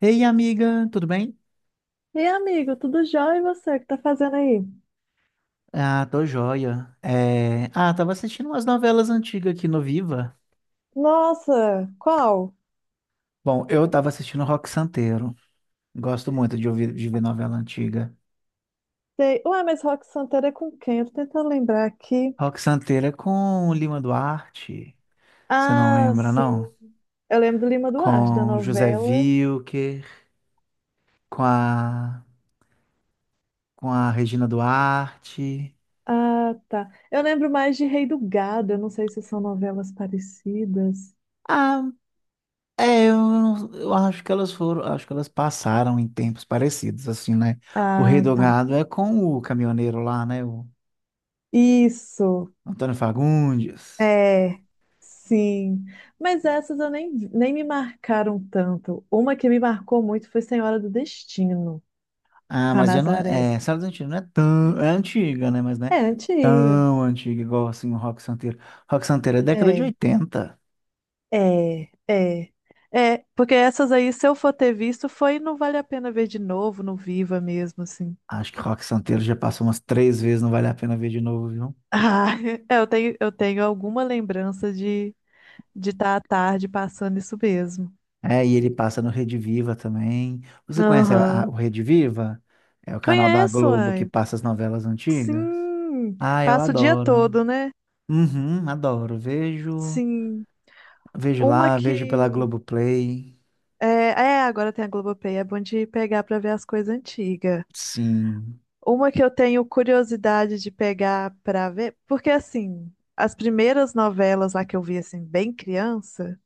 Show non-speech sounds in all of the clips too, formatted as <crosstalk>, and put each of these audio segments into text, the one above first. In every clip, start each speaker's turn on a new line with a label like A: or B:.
A: Ei, amiga, tudo bem?
B: E amigo, tudo jóia e você? O que tá fazendo aí?
A: Ah, tô joia. Ah, tava assistindo umas novelas antigas aqui no Viva.
B: Nossa, qual?
A: Bom, eu tava assistindo Rock Santeiro. Gosto muito de ouvir de ver novela antiga.
B: Sei. Ué, mas Rock Santeiro é com quem? Eu tô tentando lembrar aqui.
A: Rock Santeiro é com o Lima Duarte. Você não
B: Ah,
A: lembra,
B: sim.
A: não?
B: Eu lembro do Lima Duarte, da
A: Com José
B: novela.
A: Wilker, com a, com a Regina Duarte.
B: Ah, tá. Eu lembro mais de Rei do Gado. Eu não sei se são novelas parecidas.
A: Ah. É, eu, não- Eu acho que elas foram, acho que elas passaram em tempos parecidos, assim, né? O Rei
B: Ah,
A: do
B: tá.
A: Gado é com o caminhoneiro lá, né? O
B: Isso.
A: Antônio Fagundes.
B: É. Sim. Mas essas eu nem me marcaram tanto. Uma que me marcou muito foi Senhora do Destino,
A: Ah,
B: com a
A: mas já não
B: Nazaré.
A: é, Sala dos Antigos não é tão, é antiga, né? Mas não é
B: É antiga.
A: tão antiga igual, assim, o Rock Santeiro. Rock Santeiro é década de
B: É,
A: oitenta.
B: é. É, porque essas aí, se eu for ter visto, foi não vale a pena ver de novo no Viva mesmo, assim.
A: Acho que Rock Santeiro já passou umas três vezes, não vale a pena ver de novo, viu?
B: Ah, <laughs> é, eu tenho alguma lembrança de estar à tarde passando isso mesmo.
A: É, e ele passa no Rede Viva também. Você conhece o
B: Aham.
A: Rede Viva? É o canal da
B: Conheço,
A: Globo que
B: ai.
A: passa as novelas antigas.
B: Sim.
A: Ah, eu
B: Passa o dia
A: adoro.
B: todo, né?
A: Uhum, adoro.
B: Sim. Uma
A: Vejo pela
B: que
A: Globoplay.
B: agora tem a Globoplay, é bom de pegar pra ver as coisas antigas.
A: Sim.
B: Uma que eu tenho curiosidade de pegar pra ver, porque assim, as primeiras novelas lá que eu vi assim bem criança,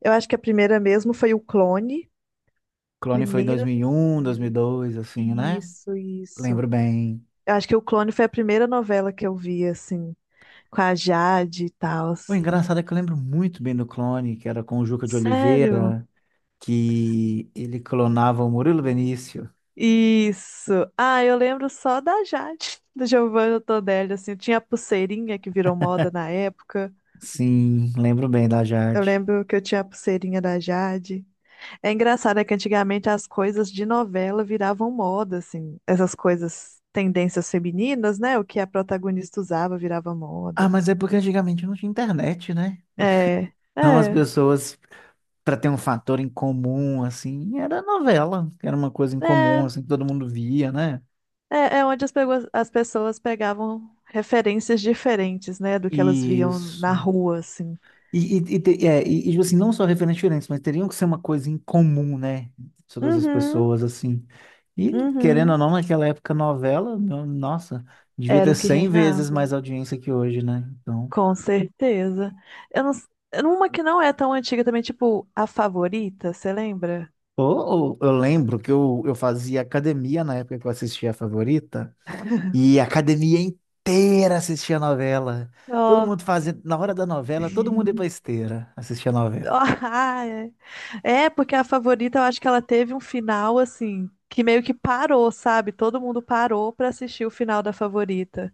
B: eu acho que a primeira mesmo foi o Clone,
A: Clone foi dois
B: primeira
A: mil
B: das
A: mil e um, dois mil e
B: primeiras.
A: dois, assim, né?
B: Isso.
A: Lembro bem.
B: Eu acho que o Clone foi a primeira novela que eu vi assim, com a Jade e tal.
A: O engraçado é que eu lembro muito bem do Clone, que era com o Juca de
B: Sério?
A: Oliveira, que ele clonava o Murilo Benício.
B: Isso. Ah, eu lembro só da Jade, <laughs> do Giovanna Todelli, assim, eu tinha a pulseirinha que virou moda na época.
A: Sim, lembro bem da
B: Eu
A: Jade.
B: lembro que eu tinha a pulseirinha da Jade. É engraçado é que antigamente as coisas de novela viravam moda, assim. Essas coisas, tendências femininas, né? O que a protagonista usava virava
A: Ah,
B: moda.
A: mas é porque antigamente não tinha internet, né?
B: É,
A: Então as
B: é,
A: pessoas para ter um fator em comum, assim, era novela, que era uma coisa em comum,
B: é,
A: assim, que todo mundo via, né?
B: é onde as pessoas pegavam referências diferentes, né? Do que elas viam
A: Isso.
B: na rua, assim.
A: Tipo assim, não só referências diferentes, mas teriam que ser uma coisa em comum, né? Todas as
B: Uhum,
A: pessoas, assim. E, querendo ou
B: uhum.
A: não, naquela época, novela, no- nossa, devia
B: Era
A: ter
B: o que
A: 100 vezes
B: reinava.
A: mais audiência que hoje, né? Então.
B: Com certeza. Eu não, s- uma que não é tão antiga também, tipo A Favorita, você lembra?
A: Eu lembro que eu fazia academia na época que eu assistia a Favorita. E a academia inteira assistia a novela. Todo
B: Ó.
A: mundo fazendo, na hora da novela, todo mundo ia pra
B: <laughs>
A: esteira assistir a novela.
B: Ah, é. É, porque a favorita, eu acho que ela teve um final assim, que meio que parou, sabe? Todo mundo parou pra assistir o final da favorita.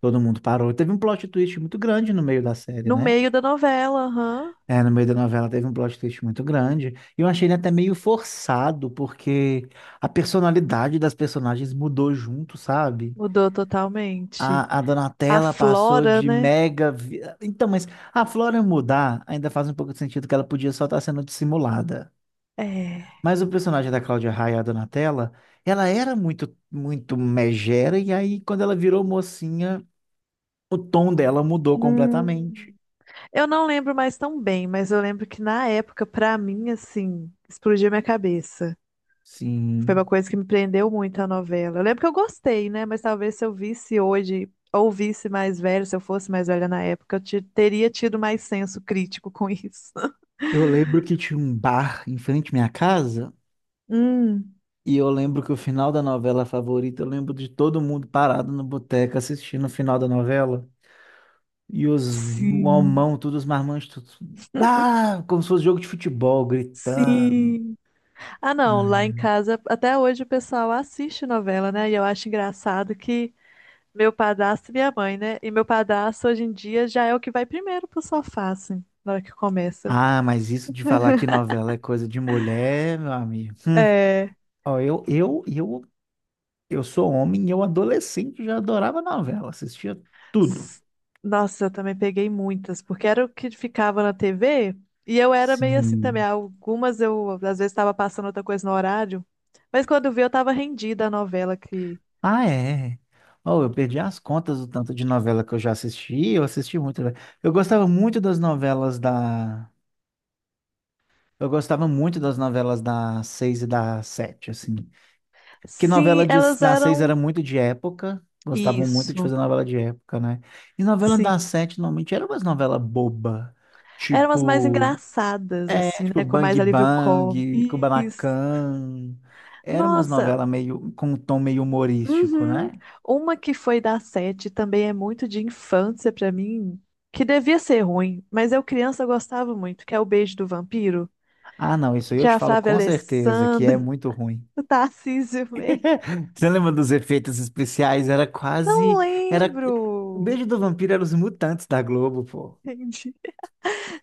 A: Todo mundo parou. Teve um plot twist muito grande no meio da série,
B: No
A: né?
B: meio da novela, aham.
A: É, no meio da novela teve um plot twist muito grande. E eu achei ele até meio forçado, porque a personalidade das personagens mudou junto, sabe?
B: Mudou totalmente.
A: A
B: A
A: Donatella passou
B: Flora,
A: de
B: né?
A: Então, mas a Flora mudar ainda faz um pouco de sentido que ela podia só estar sendo dissimulada.
B: É.
A: Mas o personagem da Cláudia Raia, a Donatella, ela era muito, muito megera, e aí quando ela virou mocinha, o tom dela mudou
B: Hum.
A: completamente.
B: Eu não lembro mais tão bem, mas eu lembro que na época, pra mim, assim, explodiu minha cabeça. Foi uma
A: Sim.
B: coisa que me prendeu muito a novela. Eu lembro que eu gostei, né? Mas talvez se eu visse hoje, ou visse mais velho, se eu fosse mais velha na época, teria tido mais senso crítico com isso. <laughs>
A: Eu lembro que tinha um bar em frente à minha casa,
B: Hum,
A: e eu lembro que o final da novela favorita, eu lembro de todo mundo parado no boteco assistindo o final da novela. E os
B: sim,
A: mamão, todos os marmanjos, todos, ah, como se fosse jogo de futebol, gritando.
B: sim. Ah, não, lá em casa, até hoje o pessoal assiste novela, né? E eu acho engraçado que meu padrasto e minha mãe, né? E meu padrasto hoje em dia já é o que vai primeiro pro sofá, assim, na hora que começa.
A: Ah, mas isso de falar que novela é coisa de mulher, meu amigo.
B: É.
A: Ó, eu sou homem e eu adolescente já adorava novela, assistia tudo.
B: S- Nossa, eu também peguei muitas, porque era o que ficava na TV e eu era meio assim também.
A: Sim.
B: Algumas eu, às vezes, estava passando outra coisa no horário, mas quando eu vi, eu estava rendida à novela que.
A: Ah, é. Oh, eu perdi as contas do tanto de novela que eu já assisti, eu assisti muito. Velho. Eu gostava muito das novelas da. Eu gostava muito das novelas da seis e da sete, assim. Porque
B: Sim, elas
A: da seis era
B: eram.
A: muito de época, gostavam muito de
B: Isso,
A: fazer novela de época, né? E novela da
B: sim.
A: sete normalmente era umas novela boba,
B: Eram as mais
A: tipo.
B: engraçadas,
A: É,
B: assim,
A: tipo
B: né? Com
A: Bang
B: mais alívio cômico.
A: Bang,
B: Isso.
A: Kubanacan. Era umas
B: Nossa,
A: novelas meio com um tom meio humorístico,
B: uhum.
A: né?
B: Uma que foi da Sete também é muito de infância pra mim, que devia ser ruim, mas eu criança gostava muito, que é o Beijo do Vampiro.
A: Ah, não, isso aí eu te
B: Já a
A: falo
B: Flávia
A: com certeza que
B: Alessandra,
A: é muito ruim.
B: <laughs> o Tarcísio Meira.
A: <laughs> Você lembra dos efeitos especiais? Era
B: Não
A: quase, era o
B: lembro.
A: beijo do vampiro era os mutantes da Globo, pô.
B: Entendi.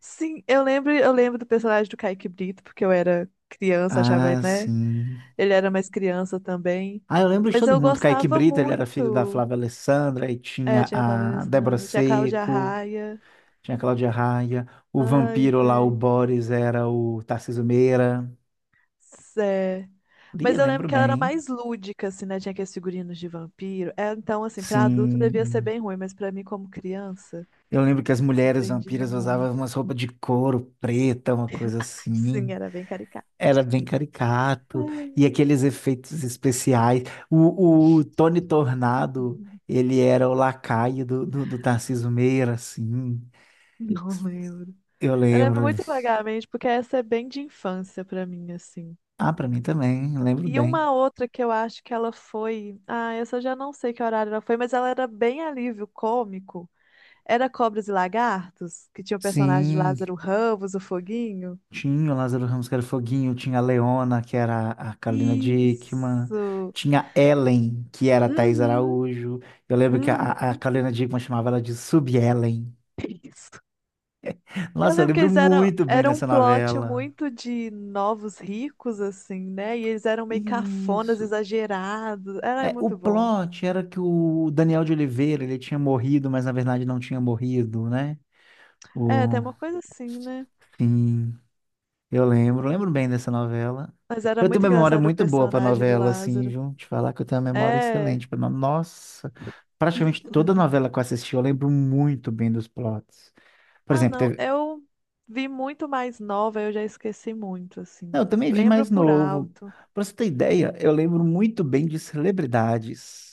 B: Sim, eu lembro do personagem do Kaique Brito, porque eu era criança, achava,
A: Ah,
B: né?
A: sim.
B: Ele era mais criança também.
A: Ah, eu lembro de
B: Mas
A: todo
B: eu
A: mundo. Kaique
B: gostava
A: Brito, ele era filho da
B: muito.
A: Flávia Alessandra, e
B: É,
A: tinha
B: tinha a Flávia
A: a Débora
B: Alessandra, tinha a Cláudia
A: Seco,
B: Raia.
A: tinha a Cláudia Raia, o
B: Ai,
A: vampiro lá, o
B: velho.
A: Boris, era o Tarcísio Meira.
B: É.
A: Ih,
B: Mas eu lembro
A: lembro
B: que ela era
A: bem.
B: mais lúdica, assim, né? Tinha aqueles figurinos de vampiro. É, então, assim, pra adulto devia ser
A: Sim.
B: bem ruim, mas pra mim, como criança,
A: Eu lembro que as
B: me
A: mulheres
B: prendia
A: vampiras usavam
B: muito.
A: umas roupas de couro preta, uma coisa
B: Sim,
A: assim.
B: era bem caricata.
A: Era bem caricato. E aqueles efeitos especiais. O Tony Tornado, ele era o lacaio do Tarcísio Meira, assim.
B: Não lembro.
A: Eu
B: Eu lembro
A: lembro.
B: muito vagamente, porque essa é bem de infância pra mim, assim.
A: Ah, pra mim também, lembro
B: E
A: bem.
B: uma outra que eu acho que ela foi. Ah, essa eu já não sei que horário ela foi, mas ela era bem alívio cômico. Era Cobras e Lagartos, que tinha o personagem de
A: Sim.
B: Lázaro Ramos, o Foguinho.
A: Tinha o Lázaro Ramos, que era o Foguinho, tinha a Leona, que era a Carolina Dickman,
B: Isso!
A: tinha a Ellen, que era a Thaís
B: Uhum,
A: Araújo. Eu lembro que a
B: uhum.
A: Carolina Dickman chamava ela de Sub-Ellen.
B: <laughs> Isso. Eu
A: Nossa, eu
B: lembro que
A: lembro
B: eles eram,
A: muito bem
B: era um
A: dessa
B: plot
A: novela.
B: muito de novos ricos, assim, né? E eles eram meio cafonas,
A: Isso.
B: exagerados. Era
A: É, o
B: muito bom.
A: plot era que o Daniel de Oliveira, ele tinha morrido, mas na verdade não tinha morrido, né?
B: É, tem
A: O,
B: uma coisa assim, né?
A: sim. Lembro bem dessa novela.
B: Mas era
A: Eu tenho
B: muito
A: uma memória
B: engraçado o
A: muito boa pra
B: personagem do
A: novela, assim,
B: Lázaro.
A: viu? Te falar que eu tenho uma memória
B: É.
A: excelente para. Nossa, praticamente toda novela que eu assisti, eu lembro muito bem dos plots. Por
B: Ah,
A: exemplo,
B: não.
A: teve...
B: Eu vi muito mais nova, eu já esqueci muito, assim.
A: Não, eu também vi
B: Lembro
A: mais
B: por
A: novo.
B: alto.
A: Pra você ter ideia, eu lembro muito bem de Celebridades.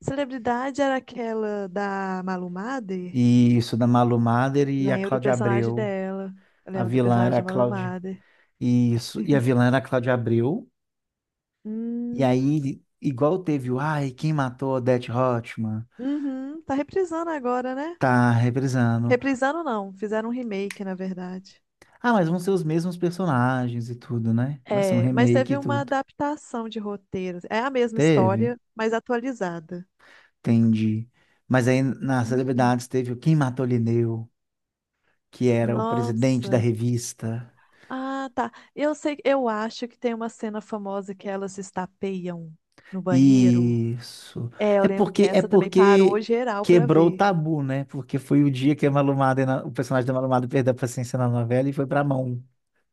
B: Celebridade era aquela da Malu Mader?
A: E isso, da Malu Mader e a
B: Lembro do
A: Cláudia
B: personagem
A: Abreu.
B: dela. Eu
A: A
B: lembro do
A: vilã era a
B: personagem da Malu
A: Cláudia...
B: Mader.
A: Isso, e a
B: <laughs>
A: vilã era a Cláudia Abreu. E
B: Hum.
A: aí, igual teve o... Ai, quem matou Odete Roitman?
B: Uhum, tá reprisando agora, né?
A: Tá reprisando.
B: Reprisando não, fizeram um remake, na verdade.
A: Ah, mas vão ser os mesmos personagens e tudo, né? Vai ser um
B: É, mas
A: remake
B: teve
A: e
B: uma
A: tudo.
B: adaptação de roteiro. É a mesma
A: Teve?
B: história, mas atualizada.
A: Entendi. Mas aí nas
B: Hum,
A: celebridades teve o Quem Matou Lineu, que era o presidente da
B: nossa.
A: revista.
B: Ah, tá. Eu sei, eu acho que tem uma cena famosa que elas se estapeiam no banheiro.
A: Isso.
B: É, eu lembro que
A: É
B: essa também parou
A: porque
B: geral pra
A: quebrou o
B: ver.
A: tabu, né? Porque foi o dia que a Malumada, o personagem da Malumada perdeu a paciência na novela e foi pra mão.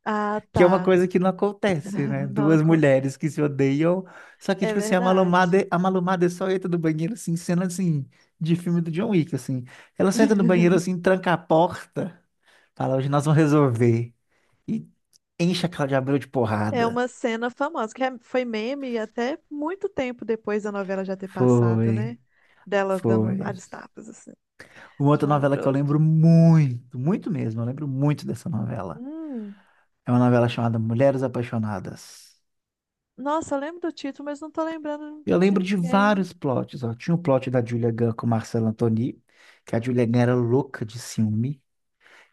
B: Ah,
A: Que é uma
B: tá.
A: coisa que não acontece, né?
B: <laughs> Não,
A: Duas
B: acon-
A: mulheres que se odeiam, só que,
B: é
A: tipo assim,
B: verdade.
A: A Malumada só entra no banheiro, assim, cena, assim, de filme do John Wick, assim. Ela só entra no
B: <laughs>
A: banheiro, assim, tranca a porta, fala, hoje nós vamos resolver. E enche a Cláudia Abreu de
B: É
A: porrada.
B: uma cena famosa, foi meme até muito tempo depois da novela já ter passado,
A: Foi,
B: né? Delas dando
A: foi.
B: vários tapas, assim,
A: Uma
B: de
A: outra
B: um lado
A: novela
B: para
A: que eu
B: outro.
A: lembro muito, muito mesmo, eu lembro muito dessa novela.
B: Hum,
A: É uma novela chamada Mulheres Apaixonadas.
B: nossa, eu lembro do título, mas não tô lembrando
A: Eu
B: de
A: lembro de
B: ninguém.
A: vários plots, ó. Tinha o plot da Julia Gunn com o Marcelo Antony, que a Julia Gunn era louca de ciúme,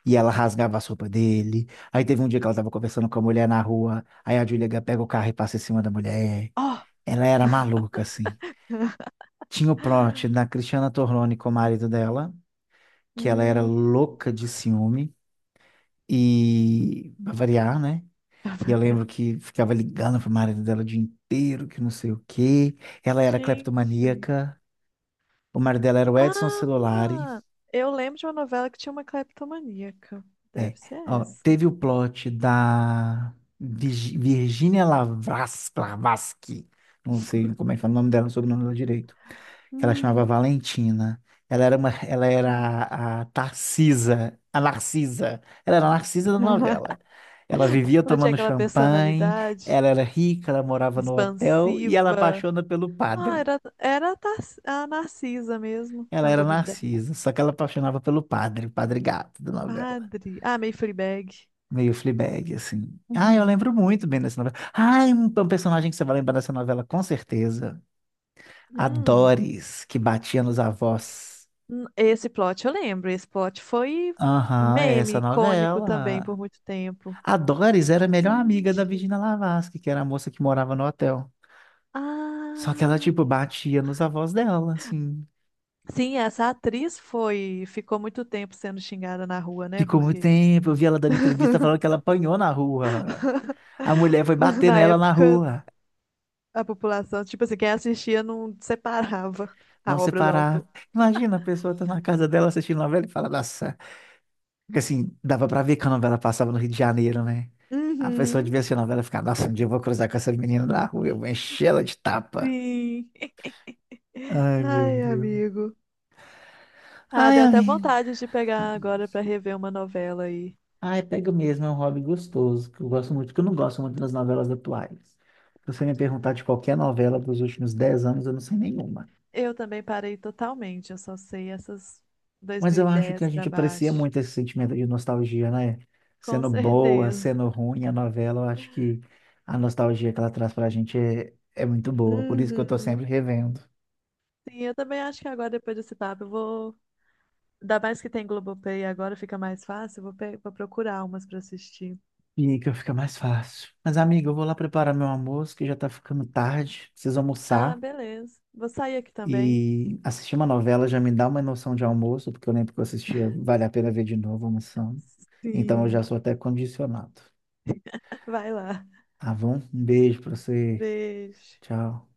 A: e ela rasgava a roupa dele. Aí teve um dia que ela tava conversando com a mulher na rua, aí a Julia Gunn pega o carro e passa em cima da mulher.
B: Ó!
A: Ela era maluca, assim. Tinha o plot da
B: <laughs>
A: Cristiana Torloni com o marido dela, que ela era
B: Hum,
A: louca de ciúme, e pra variar, né? E eu lembro
B: <laughs>
A: que ficava ligando pro marido dela o dia inteiro, que não sei o quê. Ela era
B: gente.
A: cleptomaníaca. O marido dela era o Edson Celulari.
B: Ah! Eu lembro de uma novela que tinha uma cleptomaníaca.
A: É.
B: Deve ser
A: Ó,
B: essa.
A: teve o plot da Virginia Lavarsky. Não sei como é que fala o nome dela, o sobrenome dela direito. Que ela chamava
B: Hum,
A: Valentina. Ela era
B: gente.
A: a Tarcisa, a Narcisa. Ela era a Narcisa da novela.
B: <laughs>
A: Ela vivia
B: Ela tinha
A: tomando
B: aquela
A: champanhe,
B: personalidade
A: ela era rica, ela morava no hotel e ela
B: expansiva.
A: apaixona pelo
B: Ah,
A: padre.
B: era, a Narcisa mesmo.
A: Ela era
B: Tamborideg.
A: Narcisa, só que ela apaixonava pelo padre, o padre gato da novela.
B: Padre. Ah, Mayfree Bag.
A: Meio Fleabag, assim. Ah, eu lembro
B: <laughs>
A: muito bem dessa novela. Ah, é um personagem que você vai lembrar dessa novela, com certeza. A
B: Hum,
A: Doris, que batia nos avós.
B: esse plot eu lembro. Esse plot foi
A: Aham, é
B: meme
A: essa
B: icônico também
A: novela.
B: por muito tempo.
A: A Doris era a melhor amiga da
B: Gente.
A: Virginia Lavarsky, que era a moça que morava no hotel. Só que ela,
B: Ah,
A: tipo, batia nos avós dela, assim.
B: sim, essa atriz foi, ficou muito tempo sendo xingada na rua, né?
A: Ficou muito
B: Porque
A: tempo, eu vi ela dando entrevista falando que
B: <laughs>
A: ela apanhou na rua. A mulher foi bater
B: na
A: nela na
B: época
A: rua.
B: a população, tipo assim, quem assistia não separava
A: Não
B: a obra do
A: separar.
B: autor.
A: Imagina a pessoa tá na casa dela assistindo novela e fala, nossa. Porque assim, dava pra ver que a novela passava no Rio de Janeiro, né? A pessoa
B: Uhum.
A: devia assistir a novela e ficar, nossa, um dia eu vou cruzar com essa menina na rua, eu vou encher ela de tapa.
B: Sim.
A: Ai, meu
B: Ai,
A: Deus.
B: amigo. Ah,
A: Ai,
B: deu até
A: amiga.
B: vontade de pegar agora pra rever uma novela aí.
A: Ai, pega mesmo, é um hobby gostoso, que eu gosto muito, que eu não gosto muito das novelas atuais. Se você me perguntar de qualquer novela dos últimos 10 anos, eu não sei nenhuma.
B: Eu também parei totalmente, eu só sei essas
A: Mas eu acho que a
B: 2010 pra
A: gente aprecia
B: baixo.
A: muito esse sentimento de nostalgia, né?
B: Com
A: Sendo boa,
B: certeza.
A: sendo ruim a novela, eu acho que a nostalgia que ela traz pra gente é, é muito boa. Por isso que eu tô sempre
B: Uhum.
A: revendo.
B: Sim, eu também acho que agora, depois desse papo, eu vou. Ainda mais que tem Globoplay agora, fica mais fácil. Eu Vou, pe- vou procurar umas pra assistir.
A: Fica, fica mais fácil. Mas, amigo, eu vou lá preparar meu almoço, que já tá ficando tarde. Preciso
B: Ah,
A: almoçar.
B: beleza. Vou sair aqui também.
A: E assistir uma novela já me dá uma noção de almoço, porque eu lembro que eu assistia Vale a Pena Ver de Novo almoçando. Então eu já
B: Sim.
A: sou até condicionado.
B: Vai lá.
A: Tá bom? Um beijo pra você.
B: Beijo.
A: Tchau.